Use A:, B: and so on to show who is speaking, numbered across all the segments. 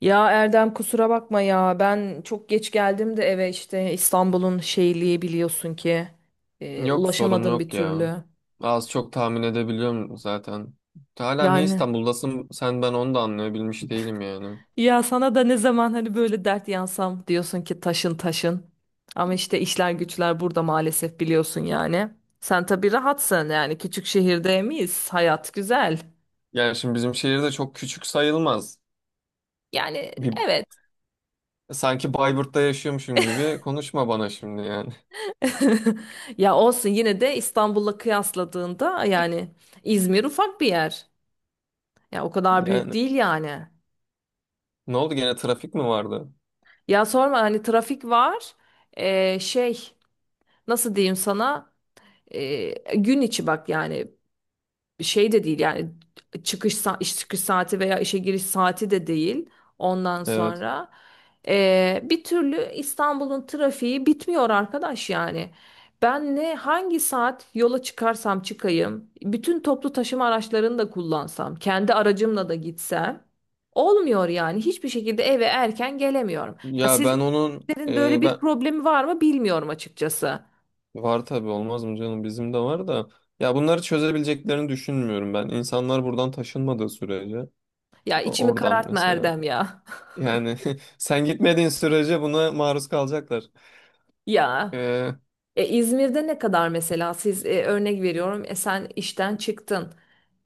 A: Ya Erdem kusura bakma ya ben çok geç geldim de eve işte İstanbul'un şeyliği biliyorsun ki
B: Yok, sorun
A: ulaşamadım bir
B: yok ya.
A: türlü.
B: Az çok tahmin edebiliyorum zaten. Hala niye
A: Yani
B: İstanbul'dasın sen, ben onu da anlayabilmiş değilim yani.
A: ya sana da ne zaman hani böyle dert yansam diyorsun ki taşın taşın ama işte işler güçler burada maalesef biliyorsun yani. Sen tabii rahatsın yani küçük şehirde miyiz hayat güzel.
B: Yani şimdi bizim şehir de çok küçük sayılmaz.
A: Yani
B: Bir,
A: evet.
B: Sanki Bayburt'ta yaşıyormuşum gibi konuşma bana şimdi yani.
A: Ya olsun yine de İstanbul'la kıyasladığında yani İzmir ufak bir yer. Ya o kadar büyük
B: Yani
A: değil yani.
B: ne oldu, gene trafik mi vardı?
A: Ya sorma hani trafik var. Şey, nasıl diyeyim sana? Gün içi bak yani şey de değil yani iş çıkış saati veya işe giriş saati de değil ondan
B: Evet.
A: sonra. Bir türlü İstanbul'un trafiği bitmiyor arkadaş yani, ben ne hangi saat yola çıkarsam çıkayım, bütün toplu taşıma araçlarını da kullansam kendi aracımla da gitsem olmuyor yani, hiçbir şekilde eve erken gelemiyorum. Ya
B: Ya ben onun
A: sizlerin böyle bir
B: ben
A: problemi var mı bilmiyorum açıkçası.
B: var, tabii olmaz mı canım, bizim de var da. Ya bunları çözebileceklerini düşünmüyorum ben. İnsanlar buradan taşınmadığı sürece
A: Ya içimi
B: oradan
A: karartma
B: mesela.
A: Erdem ya.
B: Yani sen gitmediğin sürece buna maruz kalacaklar.
A: Ya
B: Ee,
A: İzmir'de ne kadar mesela, siz örnek veriyorum, sen işten çıktın.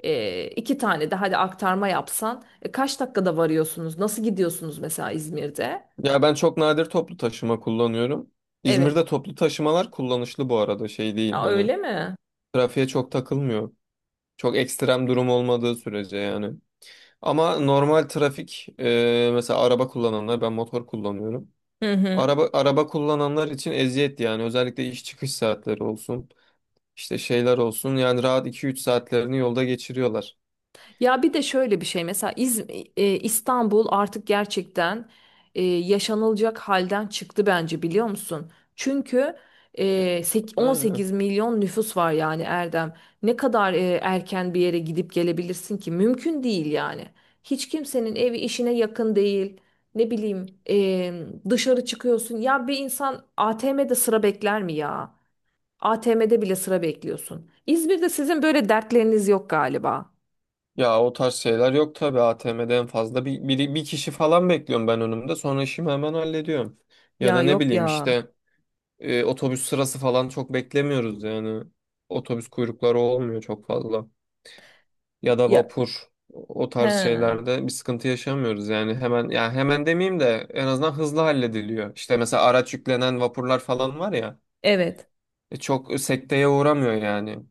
A: İki tane de hadi aktarma yapsan kaç dakikada varıyorsunuz? Nasıl gidiyorsunuz mesela İzmir'de?
B: Ya ben çok nadir toplu taşıma kullanıyorum.
A: Evet.
B: İzmir'de toplu taşımalar kullanışlı bu arada, şey değil
A: Aa,
B: hani,
A: öyle mi?
B: trafiğe çok takılmıyor. Çok ekstrem durum olmadığı sürece yani. Ama normal trafik, mesela araba kullananlar, ben motor kullanıyorum.
A: Hı hı.
B: Araba kullananlar için eziyet yani, özellikle iş çıkış saatleri olsun, işte şeyler olsun, yani rahat iki üç saatlerini yolda geçiriyorlar.
A: Ya bir de şöyle bir şey mesela İstanbul artık gerçekten yaşanılacak halden çıktı bence, biliyor musun? Çünkü
B: Aynen.
A: 18 milyon nüfus var yani Erdem. Ne kadar erken bir yere gidip gelebilirsin ki? Mümkün değil yani. Hiç kimsenin evi işine yakın değil. Ne bileyim, dışarı çıkıyorsun. Ya bir insan ATM'de sıra bekler mi ya? ATM'de bile sıra bekliyorsun. İzmir'de sizin böyle dertleriniz yok galiba.
B: Ya o tarz şeyler yok tabii, ATM'de en fazla bir kişi falan bekliyorum ben önümde, sonra işimi hemen hallediyorum. Ya
A: Ya
B: da ne
A: yok
B: bileyim
A: ya.
B: işte, otobüs sırası falan çok beklemiyoruz yani, otobüs kuyrukları olmuyor çok fazla. Ya da
A: Ya
B: vapur, o
A: he,
B: tarz şeylerde bir sıkıntı yaşamıyoruz yani, hemen, ya hemen demeyeyim de en azından hızlı hallediliyor. İşte mesela araç yüklenen vapurlar falan var ya,
A: evet.
B: çok sekteye uğramıyor yani.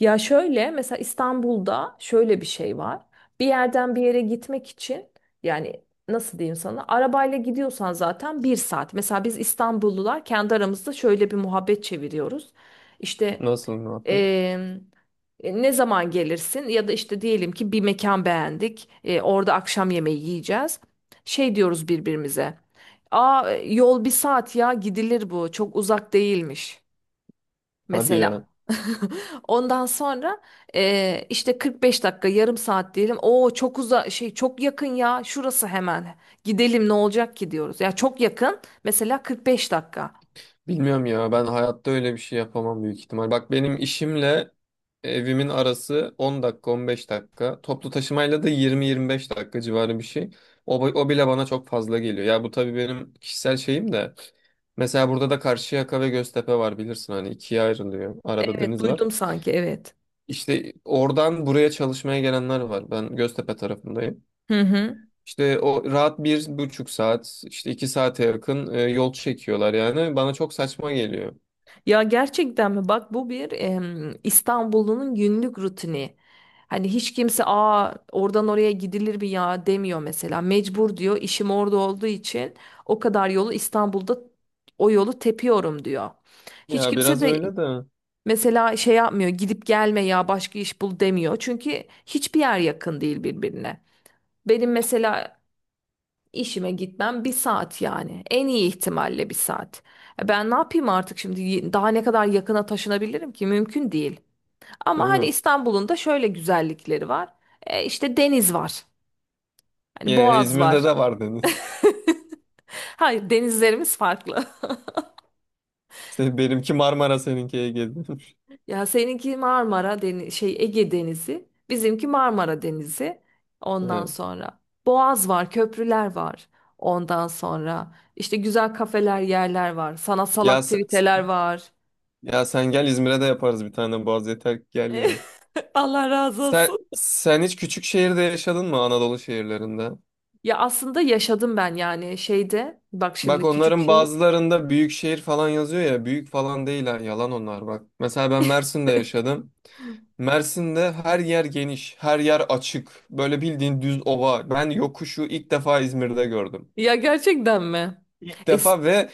A: Ya şöyle mesela İstanbul'da şöyle bir şey var. Bir yerden bir yere gitmek için yani, nasıl diyeyim sana, arabayla gidiyorsan zaten bir saat. Mesela biz İstanbullular kendi aramızda şöyle bir muhabbet çeviriyoruz. İşte
B: Nasıl muhabbet?
A: em, ne zaman gelirsin ya da işte diyelim ki bir mekan beğendik, orada akşam yemeği yiyeceğiz. Şey diyoruz birbirimize. "Aa, yol bir saat, ya gidilir, bu çok uzak değilmiş"
B: Hadi ya.
A: mesela. Ondan sonra işte 45 dakika, yarım saat diyelim. "Oo çok şey, çok yakın ya, şurası hemen. Gidelim, ne olacak ki" diyoruz. Ya çok yakın mesela 45 dakika.
B: Bilmiyorum ya, ben hayatta öyle bir şey yapamam büyük ihtimal. Bak, benim işimle evimin arası 10 dakika, 15 dakika. Toplu taşımayla da 20-25 dakika civarı bir şey. O bile bana çok fazla geliyor. Ya bu tabii benim kişisel şeyim de. Mesela burada da Karşıyaka ve Göztepe var, bilirsin hani ikiye ayrılıyor. Arada
A: Evet,
B: deniz var.
A: duydum sanki, evet.
B: İşte oradan buraya çalışmaya gelenler var. Ben Göztepe tarafındayım.
A: Hı hı.
B: İşte o rahat 1,5 saat, işte iki saate yakın yol çekiyorlar yani. Bana çok saçma geliyor.
A: Ya gerçekten mi? Bak, bu bir İstanbul'un günlük rutini. Hani hiç kimse "aa, oradan oraya gidilir mi ya" demiyor mesela. Mecbur diyor, işim orada olduğu için o kadar yolu İstanbul'da, o yolu tepiyorum diyor. Hiç
B: Ya
A: kimse
B: biraz
A: de
B: öyle de,
A: mesela şey yapmıyor, gidip gelme ya, başka iş bul demiyor. Çünkü hiçbir yer yakın değil birbirine. Benim mesela İşime gitmem bir saat yani. En iyi ihtimalle bir saat. Ben ne yapayım artık şimdi? Daha ne kadar yakına taşınabilirim ki? Mümkün değil.
B: değil
A: Ama hani
B: mi?
A: İstanbul'un da şöyle güzellikleri var. İşte deniz var. Hani
B: Ya
A: Boğaz
B: İzmir'de
A: var.
B: de var deniz.
A: Hayır, denizlerimiz farklı.
B: Se- benimki Marmara, seninki Ege'de.
A: Ya seninki Marmara Deniz, şey, Ege Denizi, bizimki Marmara Denizi. Ondan
B: Ha.
A: sonra Boğaz var, köprüler var. Ondan sonra işte güzel kafeler, yerler var. Sanatsal
B: Ya sen,
A: aktiviteler var.
B: ya sen gel İzmir'e, de yaparız bir tane Boğaz, yeter ki gel ya.
A: Allah razı
B: Sen
A: olsun.
B: sen hiç küçük şehirde yaşadın mı, Anadolu şehirlerinde?
A: Ya aslında yaşadım ben yani şeyde. Bak
B: Bak,
A: şimdi küçük
B: onların
A: şehir.
B: bazılarında büyük şehir falan yazıyor ya, büyük falan değiller, yalan onlar bak. Mesela ben Mersin'de yaşadım. Mersin'de her yer geniş, her yer açık. Böyle bildiğin düz ova. Ben yokuşu ilk defa İzmir'de gördüm.
A: Ya gerçekten mi?
B: İlk
A: Es
B: defa. Ve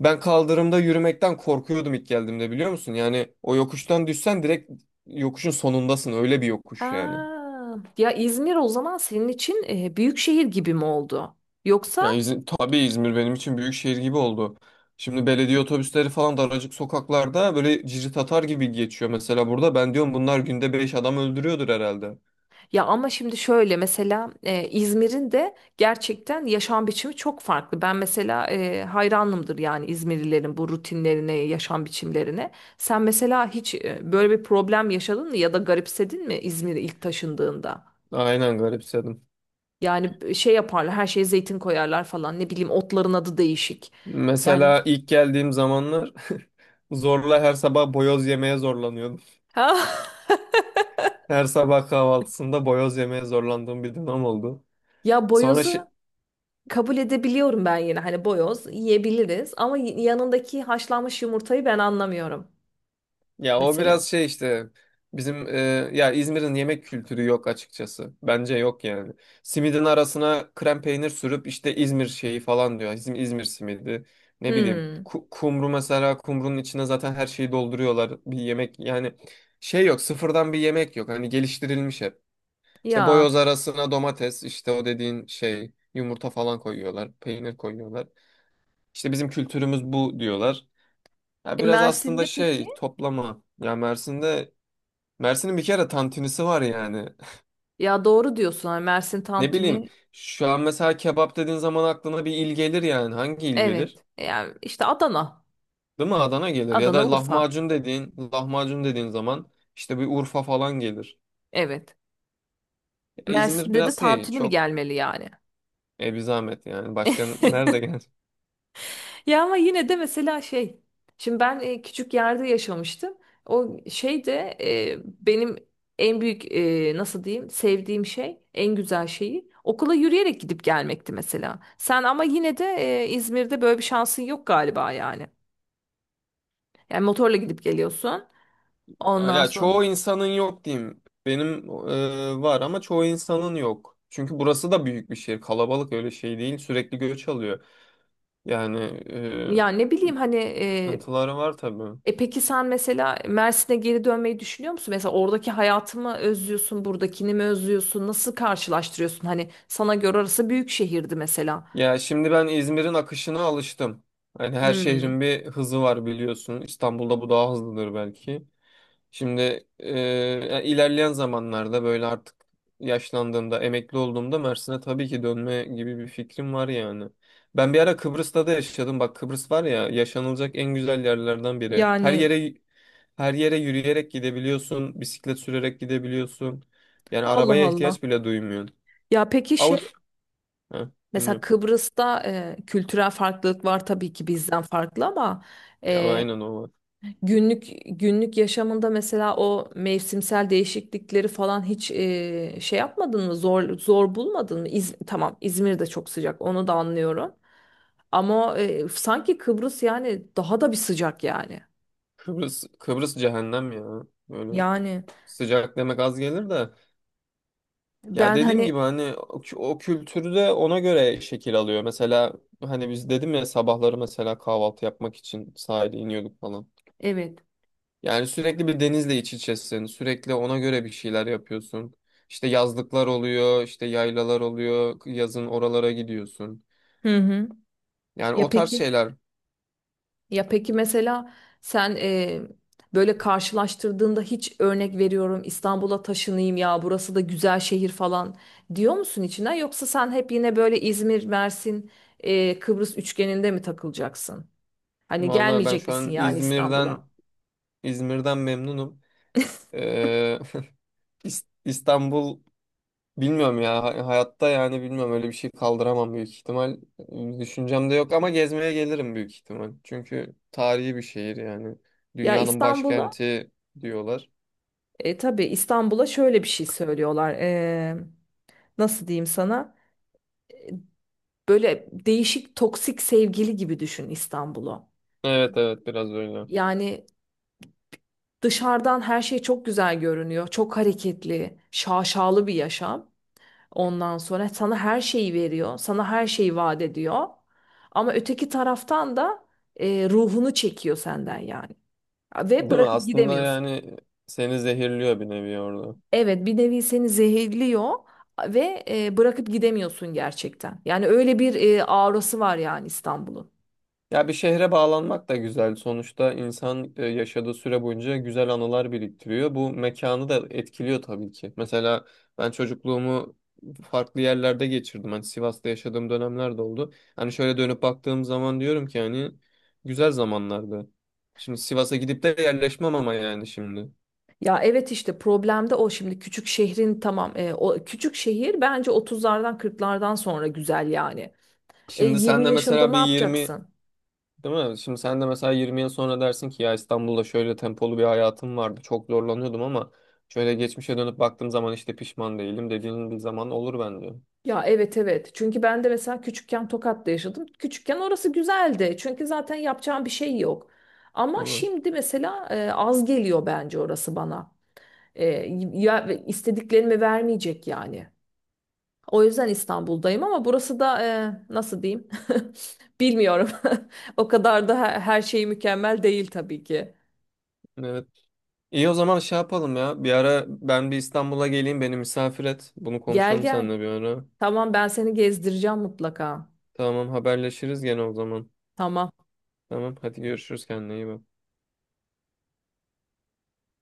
B: ben kaldırımda yürümekten korkuyordum ilk geldiğimde, biliyor musun? Yani o yokuştan düşsen direkt yokuşun sonundasın. Öyle bir yokuş yani.
A: Aa, ya İzmir o zaman senin için büyük şehir gibi mi oldu? Yoksa...
B: Yani İzmir, tabii İzmir benim için büyük şehir gibi oldu. Şimdi belediye otobüsleri falan daracık sokaklarda böyle cirit atar gibi geçiyor. Mesela burada ben diyorum, bunlar günde beş adam öldürüyordur herhalde.
A: Ya ama şimdi şöyle mesela İzmir'in de gerçekten yaşam biçimi çok farklı. Ben mesela hayranımdır yani İzmirlilerin bu rutinlerine, yaşam biçimlerine. Sen mesela hiç böyle bir problem yaşadın mı ya da garipsedin mi İzmir'e ilk taşındığında?
B: Aynen garipsedim.
A: Yani şey yaparlar, her şeye zeytin koyarlar falan. Ne bileyim otların adı değişik. Yani
B: Mesela ilk geldiğim zamanlar zorla her sabah boyoz yemeye zorlanıyordum.
A: ha
B: Her sabah kahvaltısında boyoz yemeye zorlandığım bir dönem oldu.
A: ya
B: Sonra
A: boyozu
B: şi-
A: kabul edebiliyorum ben yine. Hani boyoz yiyebiliriz ama yanındaki haşlanmış yumurtayı ben anlamıyorum
B: Ya o
A: mesela.
B: biraz şey işte, bizim, ya İzmir'in yemek kültürü yok açıkçası. Bence yok yani. Simidin arasına krem peynir sürüp işte İzmir şeyi falan diyor. İzmir, İzmir simidi. Ne bileyim.
A: Hmm.
B: Kumru mesela, kumrunun içine zaten her şeyi dolduruyorlar. Bir yemek yani, şey yok. Sıfırdan bir yemek yok. Hani geliştirilmiş hep. İşte boyoz
A: Ya
B: arasına domates, işte o dediğin şey, yumurta falan koyuyorlar. Peynir koyuyorlar. İşte bizim kültürümüz bu diyorlar. Ya biraz aslında
A: Mersin'de peki?
B: şey, toplama. Mersin'in bir kere tantunisi var yani.
A: Ya doğru diyorsun. Ha, Mersin
B: Ne bileyim,
A: tantuni.
B: şu an mesela kebap dediğin zaman aklına bir il gelir yani. Hangi il
A: Evet.
B: gelir?
A: Yani işte Adana.
B: Değil mi? Adana gelir. Ya
A: Adana,
B: da
A: Urfa.
B: lahmacun dediğin, lahmacun dediğin zaman işte bir Urfa falan gelir.
A: Evet.
B: Ya İzmir
A: Mersin'de de
B: biraz şey,
A: tantuni mi
B: çok
A: gelmeli yani?
B: bir zahmet yani. Başka nerede gelir?
A: Ya ama yine de mesela şey. Şimdi ben küçük yerde yaşamıştım. O şey de benim en büyük nasıl diyeyim, sevdiğim şey, en güzel şeyi okula yürüyerek gidip gelmekti mesela. Sen ama yine de İzmir'de böyle bir şansın yok galiba yani. Yani motorla gidip geliyorsun. Ondan
B: Ya
A: sonra.
B: çoğu insanın yok diyeyim. Benim var ama çoğu insanın yok. Çünkü burası da büyük bir şehir. Kalabalık, öyle şey değil. Sürekli göç alıyor. Yani e,
A: Ya ne bileyim hani
B: sıkıntıları var tabii.
A: peki sen mesela Mersin'e geri dönmeyi düşünüyor musun? Mesela oradaki hayatı mı özlüyorsun, buradakini mi özlüyorsun? Nasıl karşılaştırıyorsun? Hani sana göre orası büyük şehirdi mesela.
B: Ya şimdi ben İzmir'in akışına alıştım. Yani her
A: Hmm.
B: şehrin bir hızı var, biliyorsun. İstanbul'da bu daha hızlıdır belki. Şimdi yani ilerleyen zamanlarda böyle artık yaşlandığımda, emekli olduğumda Mersin'e tabii ki dönme gibi bir fikrim var yani. Ben bir ara Kıbrıs'ta da yaşadım. Bak, Kıbrıs var ya, yaşanılacak en güzel yerlerden biri. Her
A: Yani
B: yere her yere yürüyerek gidebiliyorsun, bisiklet sürerek gidebiliyorsun. Yani
A: Allah
B: arabaya
A: Allah.
B: ihtiyaç bile duymuyorsun.
A: Ya peki, şey,
B: Avut. Ha,
A: mesela
B: dinliyorum.
A: Kıbrıs'ta kültürel farklılık var tabii ki, bizden farklı, ama
B: Ya
A: e,
B: aynen, o var.
A: günlük günlük yaşamında mesela o mevsimsel değişiklikleri falan hiç şey yapmadın mı? Zor zor bulmadın mı? Tamam, İzmir de çok sıcak, onu da anlıyorum. Ama sanki Kıbrıs yani daha da bir sıcak yani.
B: Kıbrıs, Kıbrıs cehennem ya. Böyle
A: Yani
B: sıcak demek az gelir de. Ya
A: ben
B: dediğim
A: hani,
B: gibi hani o kültürü de ona göre şekil alıyor. Mesela hani biz dedim ya, sabahları mesela kahvaltı yapmak için sahile iniyorduk falan.
A: evet.
B: Yani sürekli bir denizle iç içesin. Sürekli ona göre bir şeyler yapıyorsun. İşte yazlıklar oluyor, işte yaylalar oluyor. Yazın oralara gidiyorsun.
A: Hı hı.
B: Yani
A: Ya
B: o tarz
A: peki.
B: şeyler.
A: Ya peki, mesela sen böyle karşılaştırdığında hiç, örnek veriyorum, "İstanbul'a taşınayım ya, burası da güzel şehir" falan diyor musun içinden, yoksa sen hep yine böyle İzmir, Mersin, Kıbrıs üçgeninde mi takılacaksın? Hani
B: Vallahi ben
A: gelmeyecek
B: şu
A: misin
B: an
A: yani
B: İzmir'den
A: İstanbul'a?
B: İzmir'den memnunum. Ee, İs- İstanbul Bilmiyorum ya, hayatta yani, bilmiyorum, öyle bir şey kaldıramam büyük ihtimal. Düşüncemde yok ama gezmeye gelirim büyük ihtimal. Çünkü tarihi bir şehir yani.
A: Ya
B: Dünyanın
A: İstanbul'a
B: başkenti diyorlar.
A: Tabii, İstanbul'a şöyle bir şey söylüyorlar. Nasıl diyeyim sana? Böyle değişik toksik sevgili gibi düşün İstanbul'u.
B: Evet, evet, biraz öyle.
A: Yani dışarıdan her şey çok güzel görünüyor. Çok hareketli, şaşalı bir yaşam. Ondan sonra sana her şeyi veriyor. Sana her şeyi vaat ediyor. Ama öteki taraftan da ruhunu çekiyor senden yani. Ve
B: Değil mi?
A: bırakıp
B: Aslında
A: gidemiyorsun.
B: yani seni zehirliyor bir nevi orada.
A: Evet, bir nevi seni zehirliyor ve bırakıp gidemiyorsun gerçekten. Yani öyle bir aurası var yani İstanbul'un.
B: Ya bir şehre bağlanmak da güzel. Sonuçta insan yaşadığı süre boyunca güzel anılar biriktiriyor. Bu mekanı da etkiliyor tabii ki. Mesela ben çocukluğumu farklı yerlerde geçirdim. Hani Sivas'ta yaşadığım dönemler de oldu. Hani şöyle dönüp baktığım zaman diyorum ki, hani güzel zamanlardı. Şimdi Sivas'a gidip de yerleşmem ama, yani şimdi.
A: Ya evet, işte problem de o, şimdi küçük şehrin, tamam, o küçük şehir bence otuzlardan kırklardan sonra güzel yani.
B: Şimdi sen
A: 20
B: de
A: yaşında
B: mesela
A: ne
B: bir 20.
A: yapacaksın?
B: Değil mi? Şimdi sen de mesela 20 yıl sonra dersin ki ya, İstanbul'da şöyle tempolu bir hayatım vardı. Çok zorlanıyordum ama şöyle geçmişe dönüp baktığım zaman işte pişman değilim dediğin bir zaman olur bence.
A: Ya evet evet, çünkü ben de mesela küçükken Tokat'ta yaşadım. Küçükken orası güzeldi çünkü zaten yapacağım bir şey yok. Ama
B: Değil mi?
A: şimdi mesela az geliyor bence orası bana. E, Ya istediklerimi vermeyecek yani. O yüzden İstanbul'dayım ama burası da nasıl diyeyim? Bilmiyorum. O kadar da her şey mükemmel değil tabii ki.
B: Evet. İyi, o zaman şey yapalım ya. Bir ara ben bir İstanbul'a geleyim, beni misafir et. Bunu
A: Gel
B: konuşalım
A: gel.
B: seninle bir ara.
A: Tamam, ben seni gezdireceğim mutlaka.
B: Tamam, haberleşiriz gene o zaman.
A: Tamam.
B: Tamam, hadi görüşürüz, kendine iyi bak.